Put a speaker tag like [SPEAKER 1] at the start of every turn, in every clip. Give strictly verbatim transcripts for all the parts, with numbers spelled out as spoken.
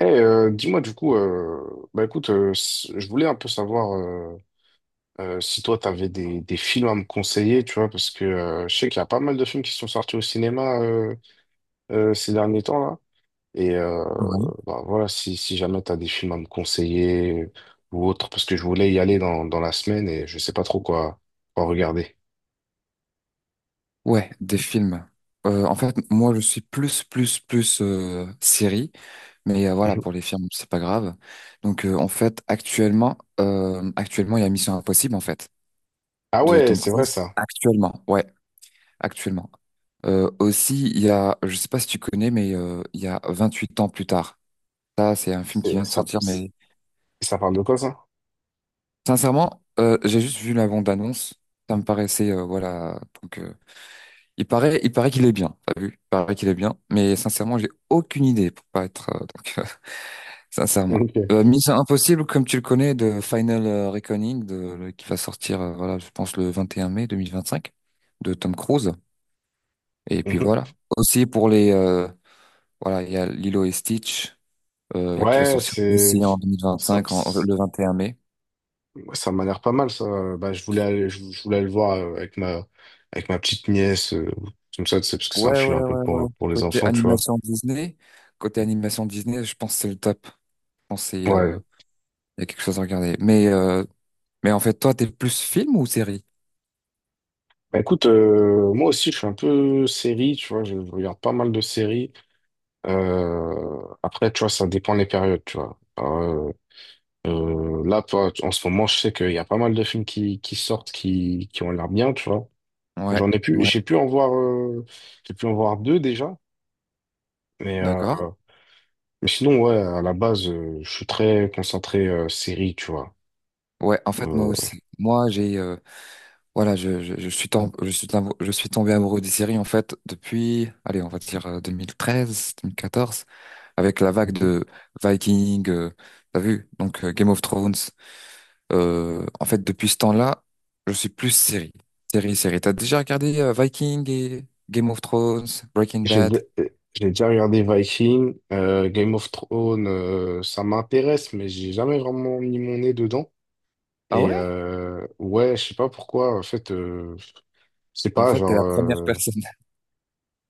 [SPEAKER 1] Eh, euh, dis-moi du coup, euh, bah écoute, euh, s- je voulais un peu savoir euh, euh, si toi t'avais des, des films à me conseiller, tu vois, parce que euh, je sais qu'il y a pas mal de films qui sont sortis au cinéma euh, euh, ces derniers temps là, et euh,
[SPEAKER 2] Ouais.
[SPEAKER 1] bah voilà, si, si jamais t'as des films à me conseiller ou autre, parce que je voulais y aller dans, dans la semaine et je sais pas trop quoi, quoi regarder.
[SPEAKER 2] Ouais, des films. Euh, en fait, moi, je suis plus, plus, plus euh, série, mais euh, voilà,
[SPEAKER 1] Mhm.
[SPEAKER 2] pour les films, c'est pas grave. Donc, euh, en fait, actuellement, euh, actuellement, il y a Mission Impossible, en fait,
[SPEAKER 1] Ah
[SPEAKER 2] de
[SPEAKER 1] ouais,
[SPEAKER 2] Tom
[SPEAKER 1] c'est vrai
[SPEAKER 2] Cruise.
[SPEAKER 1] ça.
[SPEAKER 2] Actuellement, ouais, actuellement. Euh, aussi, il y a, je sais pas si tu connais, mais euh, il y a vingt-huit ans plus tard. Ça, c'est un film qui
[SPEAKER 1] C'est
[SPEAKER 2] vient de
[SPEAKER 1] ça,
[SPEAKER 2] sortir, mais
[SPEAKER 1] ça parle de quoi ça?
[SPEAKER 2] sincèrement, euh, j'ai juste vu la bande-annonce. Ça me paraissait, euh, voilà, donc. euh, Il paraît, il paraît qu'il est bien, t'as vu? Il paraît qu'il est bien, mais sincèrement, j'ai aucune idée pour pas être, euh, donc, euh, sincèrement.
[SPEAKER 1] Ok.
[SPEAKER 2] Euh, Mission Impossible, comme tu le connais, de Final euh, Reckoning, de, le- qui va sortir, euh, voilà, je pense le vingt et un mai deux mille vingt cinq de Tom Cruise. Et puis
[SPEAKER 1] Mhm.
[SPEAKER 2] voilà. Aussi pour les, euh, voilà, il y a Lilo et Stitch, euh, qui va
[SPEAKER 1] Ouais,
[SPEAKER 2] sortir
[SPEAKER 1] c'est
[SPEAKER 2] aussi en
[SPEAKER 1] ça-
[SPEAKER 2] deux mille vingt-cinq, en- euh, le vingt et un mai.
[SPEAKER 1] ça m'a l'air pas mal, ça. Bah, je voulais aller, je, je voulais aller le voir euh, avec ma, avec ma petite nièce, euh, comme ça, tu sais, parce que c'est un
[SPEAKER 2] Ouais,
[SPEAKER 1] film
[SPEAKER 2] ouais,
[SPEAKER 1] un peu
[SPEAKER 2] ouais, ouais.
[SPEAKER 1] pour, pour les
[SPEAKER 2] Côté
[SPEAKER 1] enfants, tu vois.
[SPEAKER 2] animation Disney, côté animation Disney, je pense que c'est le top. Je pense que c'est, euh,
[SPEAKER 1] Ouais.
[SPEAKER 2] il y a quelque chose à regarder. Mais euh, Mais en fait, toi, t'es plus film ou série?
[SPEAKER 1] Bah, écoute, euh, moi aussi, je suis un peu série, tu vois, je regarde pas mal de séries. Euh, après, tu vois, ça dépend des périodes, tu vois. Euh, euh, là, toi, en ce moment, je sais qu'il y a pas mal de films qui, qui sortent, qui, qui ont l'air bien, tu vois.
[SPEAKER 2] Ouais,
[SPEAKER 1] J'en ai pu,
[SPEAKER 2] ouais,
[SPEAKER 1] j'ai pu en voir, euh, j'ai pu en voir deux déjà, mais euh,
[SPEAKER 2] d'accord.
[SPEAKER 1] Mais sinon, ouais, à la base, euh, je suis très concentré euh, série, tu vois.
[SPEAKER 2] Ouais, en fait, moi
[SPEAKER 1] Euh,
[SPEAKER 2] aussi. Moi, j'ai, euh, voilà, je, je, je suis tombé, je suis tombé, je suis tombé amoureux des séries, en fait, depuis, allez, on va dire euh, deux mille treize, deux mille quatorze, avec la vague de Viking, euh, t'as vu? Donc, euh, Game of Thrones. Euh, en fait, depuis ce temps-là, je suis plus série. Série, série. T'as déjà regardé euh, Viking et Game of Thrones, Breaking
[SPEAKER 1] j'ai
[SPEAKER 2] Bad?
[SPEAKER 1] dé- euh, j'ai déjà regardé Viking, euh, Game of Thrones, euh, ça m'intéresse, mais j'ai jamais vraiment mis mon nez dedans.
[SPEAKER 2] Ah
[SPEAKER 1] Et
[SPEAKER 2] ouais?
[SPEAKER 1] euh, ouais, je sais pas pourquoi, en fait, euh, je sais
[SPEAKER 2] En
[SPEAKER 1] pas,
[SPEAKER 2] fait, t'es
[SPEAKER 1] genre...
[SPEAKER 2] la première
[SPEAKER 1] euh,
[SPEAKER 2] personne,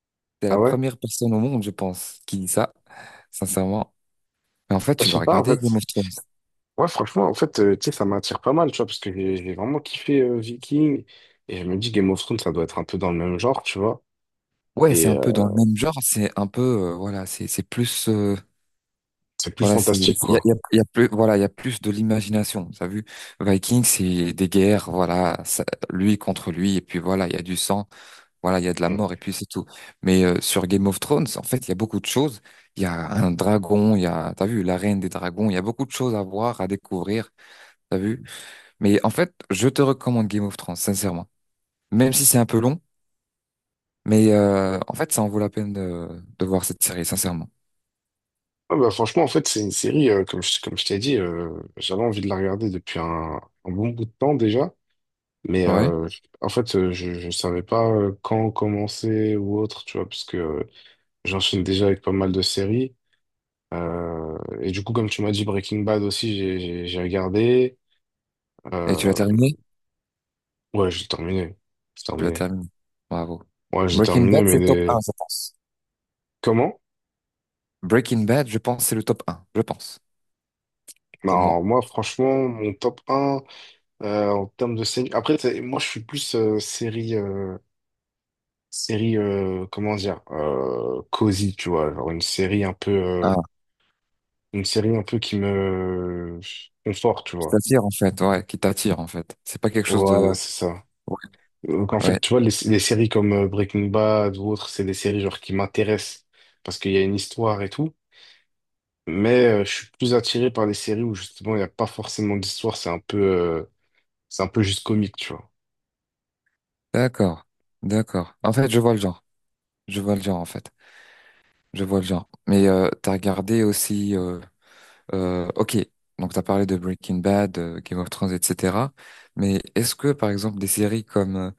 [SPEAKER 2] t'es
[SPEAKER 1] Ah
[SPEAKER 2] la
[SPEAKER 1] ouais?
[SPEAKER 2] première personne au monde, je pense, qui dit ça. Sincèrement. Mais en fait,
[SPEAKER 1] Ouais,
[SPEAKER 2] tu
[SPEAKER 1] je
[SPEAKER 2] dois
[SPEAKER 1] sais pas, en
[SPEAKER 2] regarder Game
[SPEAKER 1] fait.
[SPEAKER 2] of Thrones.
[SPEAKER 1] Ouais, franchement, en fait, euh, tu sais, ça m'attire pas mal, tu vois, parce que j'ai j'ai vraiment kiffé euh, Viking. Et je me dis, Game of Thrones, ça doit être un peu dans le même genre, tu vois.
[SPEAKER 2] Ouais, c'est
[SPEAKER 1] Et
[SPEAKER 2] un
[SPEAKER 1] euh,
[SPEAKER 2] peu dans le même genre, c'est un peu, euh, voilà, c'est c'est plus, euh,
[SPEAKER 1] c'est plus
[SPEAKER 2] voilà, c'est, il y
[SPEAKER 1] fantastique,
[SPEAKER 2] a, il y
[SPEAKER 1] quoi.
[SPEAKER 2] a- il y a plus, voilà, il y a plus de l'imagination. T'as vu? Vikings, c'est des guerres, voilà, ça- lui contre lui, et puis voilà, il y a du sang, voilà, il y a de la mort, et puis c'est tout. Mais euh, sur Game of Thrones, en fait, il y a beaucoup de choses. Il y a un dragon, il y a, t'as vu, la reine des dragons, il y a beaucoup de choses à voir, à découvrir, t'as vu? Mais en fait, je te recommande Game of Thrones, sincèrement. Même si c'est un peu long. Mais euh, en fait, ça en vaut la peine de, de voir cette série, sincèrement.
[SPEAKER 1] Ouais, bah, franchement, en fait, c'est une série, euh, comme je, comme je t'ai dit, euh, j'avais envie de la regarder depuis un, un bon bout de temps déjà. Mais
[SPEAKER 2] Ouais.
[SPEAKER 1] euh, en fait, euh, je ne savais pas euh, quand commencer ou autre, tu vois, parce que euh, j'enchaîne déjà avec pas mal de séries. Euh, et du coup, comme tu m'as dit, Breaking Bad aussi, j'ai j'ai- j'ai regardé.
[SPEAKER 2] Et tu l'as
[SPEAKER 1] Euh,
[SPEAKER 2] terminé?
[SPEAKER 1] ouais, j'ai terminé. J'ai
[SPEAKER 2] Tu l'as
[SPEAKER 1] terminé.
[SPEAKER 2] terminé. Bravo.
[SPEAKER 1] Ouais, j'ai
[SPEAKER 2] Breaking
[SPEAKER 1] terminé,
[SPEAKER 2] Bad,
[SPEAKER 1] mais
[SPEAKER 2] c'est le top
[SPEAKER 1] des-
[SPEAKER 2] un, je pense.
[SPEAKER 1] comment?
[SPEAKER 2] Breaking Bad, je pense, c'est le top un, je pense, pour moi.
[SPEAKER 1] Non, moi, franchement, mon top un euh, en termes de série. Après, t'sais, moi, je suis plus euh, série. Euh, série euh, comment dire euh, cosy, tu vois, genre une série un peu euh,
[SPEAKER 2] Ah,
[SPEAKER 1] une série un peu qui me conforte, tu
[SPEAKER 2] qui
[SPEAKER 1] vois,
[SPEAKER 2] t'attire, en fait, ouais, qui t'attire, en fait. C'est pas quelque chose
[SPEAKER 1] voilà
[SPEAKER 2] de.
[SPEAKER 1] c'est ça.
[SPEAKER 2] Ouais,
[SPEAKER 1] Donc en fait
[SPEAKER 2] ouais.
[SPEAKER 1] tu vois les, les séries comme euh, Breaking Bad ou autres, c'est des séries genre qui m'intéressent parce qu'il y a une histoire et tout, mais euh, je suis plus attiré par les séries où justement il n'y a pas forcément d'histoire, c'est un peu euh, c'est un peu juste comique, tu vois.
[SPEAKER 2] D'accord, d'accord. En fait, je vois le genre. Je vois le genre, en fait. Je vois le genre. Mais euh, t'as regardé aussi... euh, Euh, Ok, donc tu as parlé de Breaking Bad, euh, Game of Thrones, et cetera. Mais est-ce que, par exemple, des séries comme euh,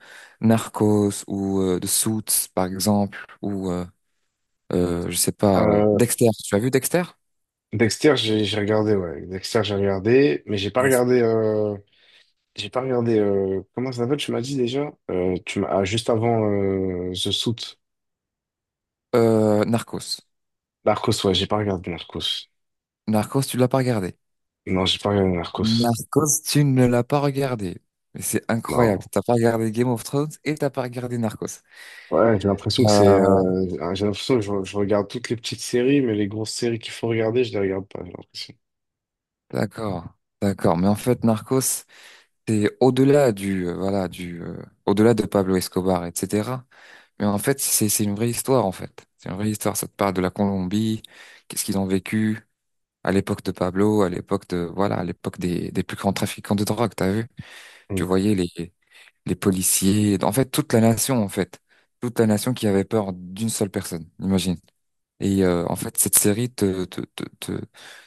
[SPEAKER 2] Narcos ou euh, The Suits, par exemple, ou, euh, euh, je sais pas, euh,
[SPEAKER 1] Euh,
[SPEAKER 2] Dexter, tu as vu Dexter?
[SPEAKER 1] Dexter, j'ai j'ai regardé, ouais. Dexter, j'ai regardé, mais j'ai pas
[SPEAKER 2] Yes.
[SPEAKER 1] regardé. euh, J'ai pas regardé. euh, Comment ça s'appelle? Tu m'as dit déjà? Euh, tu m'as ah, juste avant euh, The Suit.
[SPEAKER 2] Euh, Narcos.
[SPEAKER 1] Narcos, ouais, j'ai pas regardé Narcos.
[SPEAKER 2] Narcos, tu l'as pas regardé.
[SPEAKER 1] Non, j'ai pas regardé Narcos.
[SPEAKER 2] Narcos, tu ne l'as pas regardé. Mais c'est incroyable.
[SPEAKER 1] Non.
[SPEAKER 2] T'as pas regardé Game of Thrones et t'as pas regardé Narcos.
[SPEAKER 1] Ouais, j'ai l'impression que c'est.
[SPEAKER 2] Euh,
[SPEAKER 1] euh, ah, j'ai l'impression que je, je regarde toutes les petites séries, mais les grosses séries qu'il faut regarder, je les regarde pas, j'ai l'impression.
[SPEAKER 2] d'accord, d'accord. Mais en fait, Narcos, C'est au-delà du, euh, voilà, du, euh, au-delà de Pablo Escobar, et cetera. Mais en fait, c'est, c'est une vraie histoire, en fait. C'est une vraie histoire. Ça te parle de la Colombie, qu'est-ce qu'ils ont vécu à l'époque de Pablo, à l'époque de, voilà, à l'époque des, des plus grands trafiquants de drogue, t'as vu? Tu
[SPEAKER 1] Mm.
[SPEAKER 2] voyais les, les policiers, en fait, toute la nation, en fait. Toute la nation qui avait peur d'une seule personne, imagine. Et euh, en fait, cette série te, te, te, te,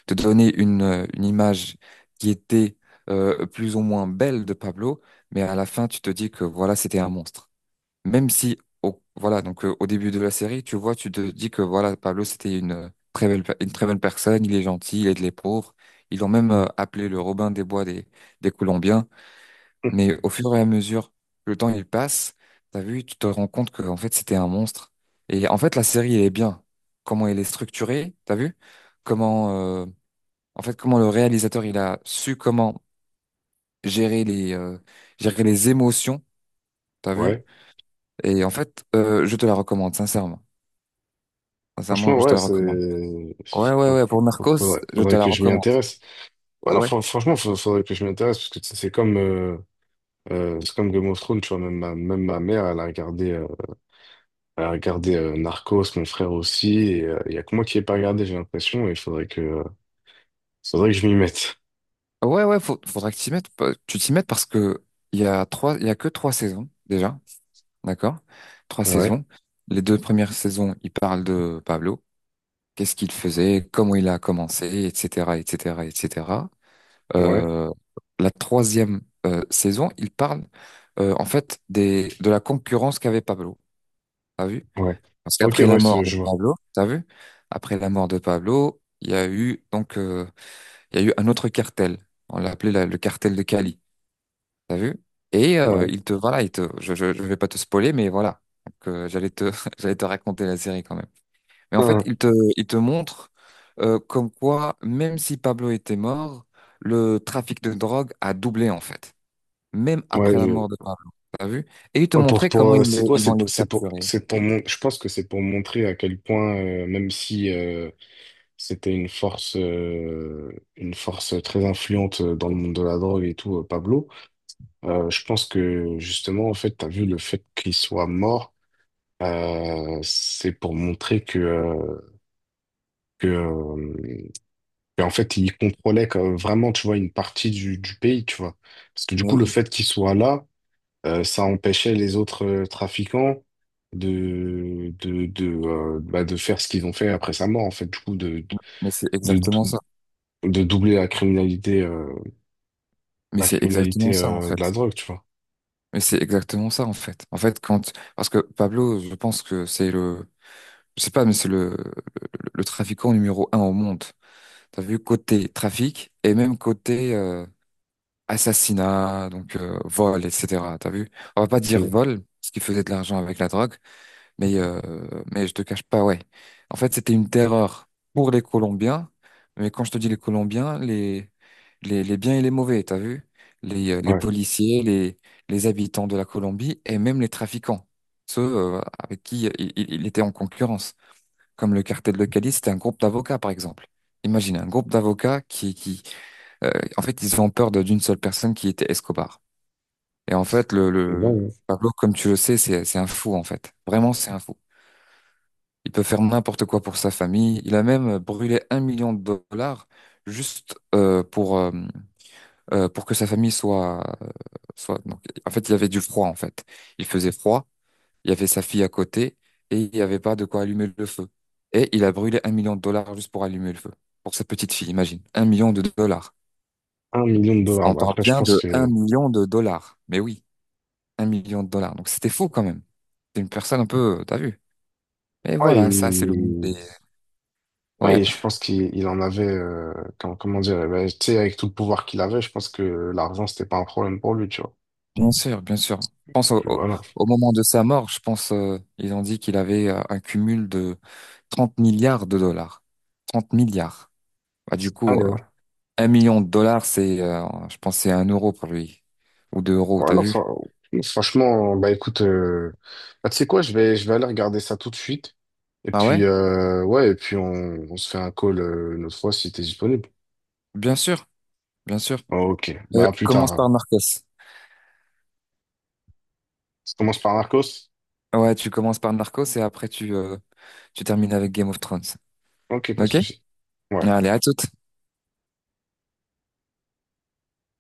[SPEAKER 2] te donnait une, euh, une image qui était euh, plus ou moins belle de Pablo, mais à la fin, tu te dis que voilà, c'était un monstre. Même si, au, voilà, donc euh, au début de la série, tu vois, tu te dis que voilà, Pablo, c'était une euh, très belle, pe- une très belle personne, il est gentil, il aide les pauvres. Ils l'ont même euh, appelé le Robin des Bois des, des Colombiens. Mais au fur et à mesure que le temps il passe, t'as vu, tu te rends compte que en fait c'était un monstre. Et en fait la série elle est bien. Comment elle est structurée, t'as vu? Comment euh, En fait comment le réalisateur il a su comment gérer les euh, gérer les émotions, t'as vu?
[SPEAKER 1] Ouais,
[SPEAKER 2] Et en fait euh, je te la recommande sincèrement. Sincèrement
[SPEAKER 1] franchement,
[SPEAKER 2] je te
[SPEAKER 1] ouais,
[SPEAKER 2] la
[SPEAKER 1] c'est.
[SPEAKER 2] recommande. Ouais, ouais,
[SPEAKER 1] Faut-
[SPEAKER 2] ouais,
[SPEAKER 1] faut-
[SPEAKER 2] pour
[SPEAKER 1] faut-
[SPEAKER 2] Narcos
[SPEAKER 1] Faudrait,
[SPEAKER 2] je te
[SPEAKER 1] faudrait
[SPEAKER 2] la
[SPEAKER 1] que je m'y
[SPEAKER 2] recommande.
[SPEAKER 1] intéresse. Ouais, non,
[SPEAKER 2] Ouais,
[SPEAKER 1] fran- franchement, faut- faudrait que je m'y intéresse, parce que tu sais, c'est comme, euh, euh, c'est comme Game of Thrones, tu vois, même ma, même ma mère, elle a regardé, euh, elle a regardé euh, Narcos, mon frère aussi, et euh, il y a que moi qui n'ai pas regardé, j'ai l'impression, et il faudrait que, euh, faudrait que je m'y mette.
[SPEAKER 2] ouais, ouais, faut, faudra que tu t'y mettes. pa- Tu t'y mettes parce que il y a trois il y a que trois saisons déjà. D'accord? Trois
[SPEAKER 1] Ouais,
[SPEAKER 2] saisons. Les deux premières saisons, il parle de Pablo. Qu'est-ce qu'il faisait, comment il a commencé, et cetera, et cetera, et cetera.
[SPEAKER 1] ouais,
[SPEAKER 2] Euh, la troisième euh, saison, il parle euh, en fait des, de la concurrence qu'avait Pablo. T'as vu?
[SPEAKER 1] ouais.
[SPEAKER 2] Parce
[SPEAKER 1] Ok,
[SPEAKER 2] qu'après la
[SPEAKER 1] ouais,
[SPEAKER 2] mort
[SPEAKER 1] c'est-
[SPEAKER 2] de
[SPEAKER 1] je vois.
[SPEAKER 2] Pablo, t'as vu? Après la mort de Pablo, il y a eu donc euh, il y a eu un autre cartel. On l'appelait la- le cartel de Cali. T'as vu? Et euh,
[SPEAKER 1] Ouais.
[SPEAKER 2] il te voilà, il te, je, je, je vais pas te spoiler, mais voilà. Donc, euh, j'allais te, j'allais te raconter la série quand même. Mais en fait,
[SPEAKER 1] Hein.
[SPEAKER 2] il te, il te montre euh, comme quoi, même si Pablo était mort, le trafic de drogue a doublé en fait, même après la
[SPEAKER 1] Ouais.
[SPEAKER 2] mort de Pablo. T'as vu? Et il te
[SPEAKER 1] Ouais, pour,
[SPEAKER 2] montrait
[SPEAKER 1] pour,
[SPEAKER 2] comment
[SPEAKER 1] euh,
[SPEAKER 2] ils, les-
[SPEAKER 1] c'est, ouais,
[SPEAKER 2] ils vont
[SPEAKER 1] c'est,
[SPEAKER 2] les
[SPEAKER 1] c'est pour,
[SPEAKER 2] capturer.
[SPEAKER 1] c'est pour mon, je pense que c'est pour montrer à quel point, euh, même si euh, c'était une force, euh, une force très influente dans le monde de la drogue et tout, euh, Pablo, euh, je pense que justement, en fait, t'as vu le fait qu'il soit mort, euh, c'est pour montrer que, euh, que, euh, qu'en fait, il contrôlait quand- vraiment, tu vois, une partie du, du pays, tu vois. Parce que du
[SPEAKER 2] Mais
[SPEAKER 1] coup, le
[SPEAKER 2] oui,
[SPEAKER 1] fait qu'il soit là, Euh, ça empêchait les autres euh, trafiquants de, de, de, euh, bah, de faire ce qu'ils ont fait après sa mort, en fait, du coup, de,
[SPEAKER 2] mais c'est
[SPEAKER 1] de, de,
[SPEAKER 2] exactement ça.
[SPEAKER 1] de doubler la criminalité, euh,
[SPEAKER 2] Mais
[SPEAKER 1] la
[SPEAKER 2] c'est exactement
[SPEAKER 1] criminalité
[SPEAKER 2] ça en
[SPEAKER 1] euh, de
[SPEAKER 2] fait.
[SPEAKER 1] la drogue, tu vois.
[SPEAKER 2] Mais c'est exactement ça en fait. En fait, quand parce que Pablo, je pense que c'est le Je sais pas, mais c'est le, le, le trafiquant numéro un au monde. T'as vu côté trafic et même côté euh, assassinat, donc euh, vol, et cetera. T'as vu? On va pas dire
[SPEAKER 1] Mm.
[SPEAKER 2] vol, parce qu'il faisait de l'argent avec la drogue, mais euh, mais je te cache pas, ouais. En fait, c'était une terreur pour les Colombiens, mais quand je te dis les Colombiens, les les, les biens et les mauvais, t'as vu? Les, euh, les
[SPEAKER 1] Ouais,
[SPEAKER 2] policiers, les les habitants de la Colombie et même les trafiquants, ceux euh, avec qui il il- il était en concurrence comme le cartel de Cali, c'était un groupe d'avocats, par exemple. Imagine un groupe d'avocats qui, qui, euh, en fait, ils ont peur de- d'une seule personne qui était Escobar. Et en fait, le,
[SPEAKER 1] c'est
[SPEAKER 2] le
[SPEAKER 1] dingue,
[SPEAKER 2] Pablo, comme tu le sais, c'est, c'est un fou, en fait. Vraiment, c'est un fou. Il peut faire n'importe quoi pour sa famille. Il a même brûlé un million de dollars juste euh, pour, euh, euh, pour que sa famille soit, soit... Donc, en fait, il y avait du froid, en fait. Il faisait froid. Il y avait sa fille à côté et il n'y avait pas de quoi allumer le feu. Et il a brûlé un million de dollars juste pour allumer le feu. Pour sa petite fille, imagine. Un million de dollars.
[SPEAKER 1] hein. Un million de dollars.
[SPEAKER 2] On
[SPEAKER 1] Bah,
[SPEAKER 2] parle
[SPEAKER 1] après, je
[SPEAKER 2] bien
[SPEAKER 1] pense
[SPEAKER 2] de un
[SPEAKER 1] que...
[SPEAKER 2] million de dollars. Mais oui, un million de dollars. Donc c'était fou quand même. C'est une personne un peu, t'as vu. Et
[SPEAKER 1] Ouais.
[SPEAKER 2] voilà, ça c'est le monde des.
[SPEAKER 1] Ouais,
[SPEAKER 2] Ouais,
[SPEAKER 1] et je pense qu'il il en avait, euh, comment, comment dire, eh ben, tu sais, avec tout le pouvoir qu'il avait, je pense que l'argent, c'était pas un problème pour lui, tu vois.
[SPEAKER 2] bien sûr, bien sûr. Je pense au,
[SPEAKER 1] Puis
[SPEAKER 2] au-
[SPEAKER 1] voilà.
[SPEAKER 2] au moment de sa mort, je pense, euh, ils ont dit qu'il avait euh, un cumul de trente milliards de dollars. Trente milliards. Bah, du
[SPEAKER 1] Ah,
[SPEAKER 2] coup. euh,
[SPEAKER 1] ouais.
[SPEAKER 2] Un million de dollars, c'est, euh, je pense, que c'est un euro pour lui. Ou deux euros,
[SPEAKER 1] Ouais,
[SPEAKER 2] t'as
[SPEAKER 1] non,
[SPEAKER 2] vu?
[SPEAKER 1] fran- franchement, bah écoute, euh, bah, tu sais quoi, je vais, je vais aller regarder ça tout de suite. Et
[SPEAKER 2] Ah
[SPEAKER 1] puis,
[SPEAKER 2] ouais?
[SPEAKER 1] euh, ouais, et puis on, on se fait un call euh, une autre fois si t'es disponible.
[SPEAKER 2] Bien sûr, bien sûr.
[SPEAKER 1] Oh, ok,
[SPEAKER 2] Euh,
[SPEAKER 1] bah à plus
[SPEAKER 2] commence
[SPEAKER 1] tard.
[SPEAKER 2] par Narcos.
[SPEAKER 1] Ça commence par Marcos?
[SPEAKER 2] Ouais, tu commences par Narcos et après tu, euh, tu termines avec Game of Thrones.
[SPEAKER 1] Ok, pas de
[SPEAKER 2] Ok?
[SPEAKER 1] souci. Ouais.
[SPEAKER 2] Allez, à tout.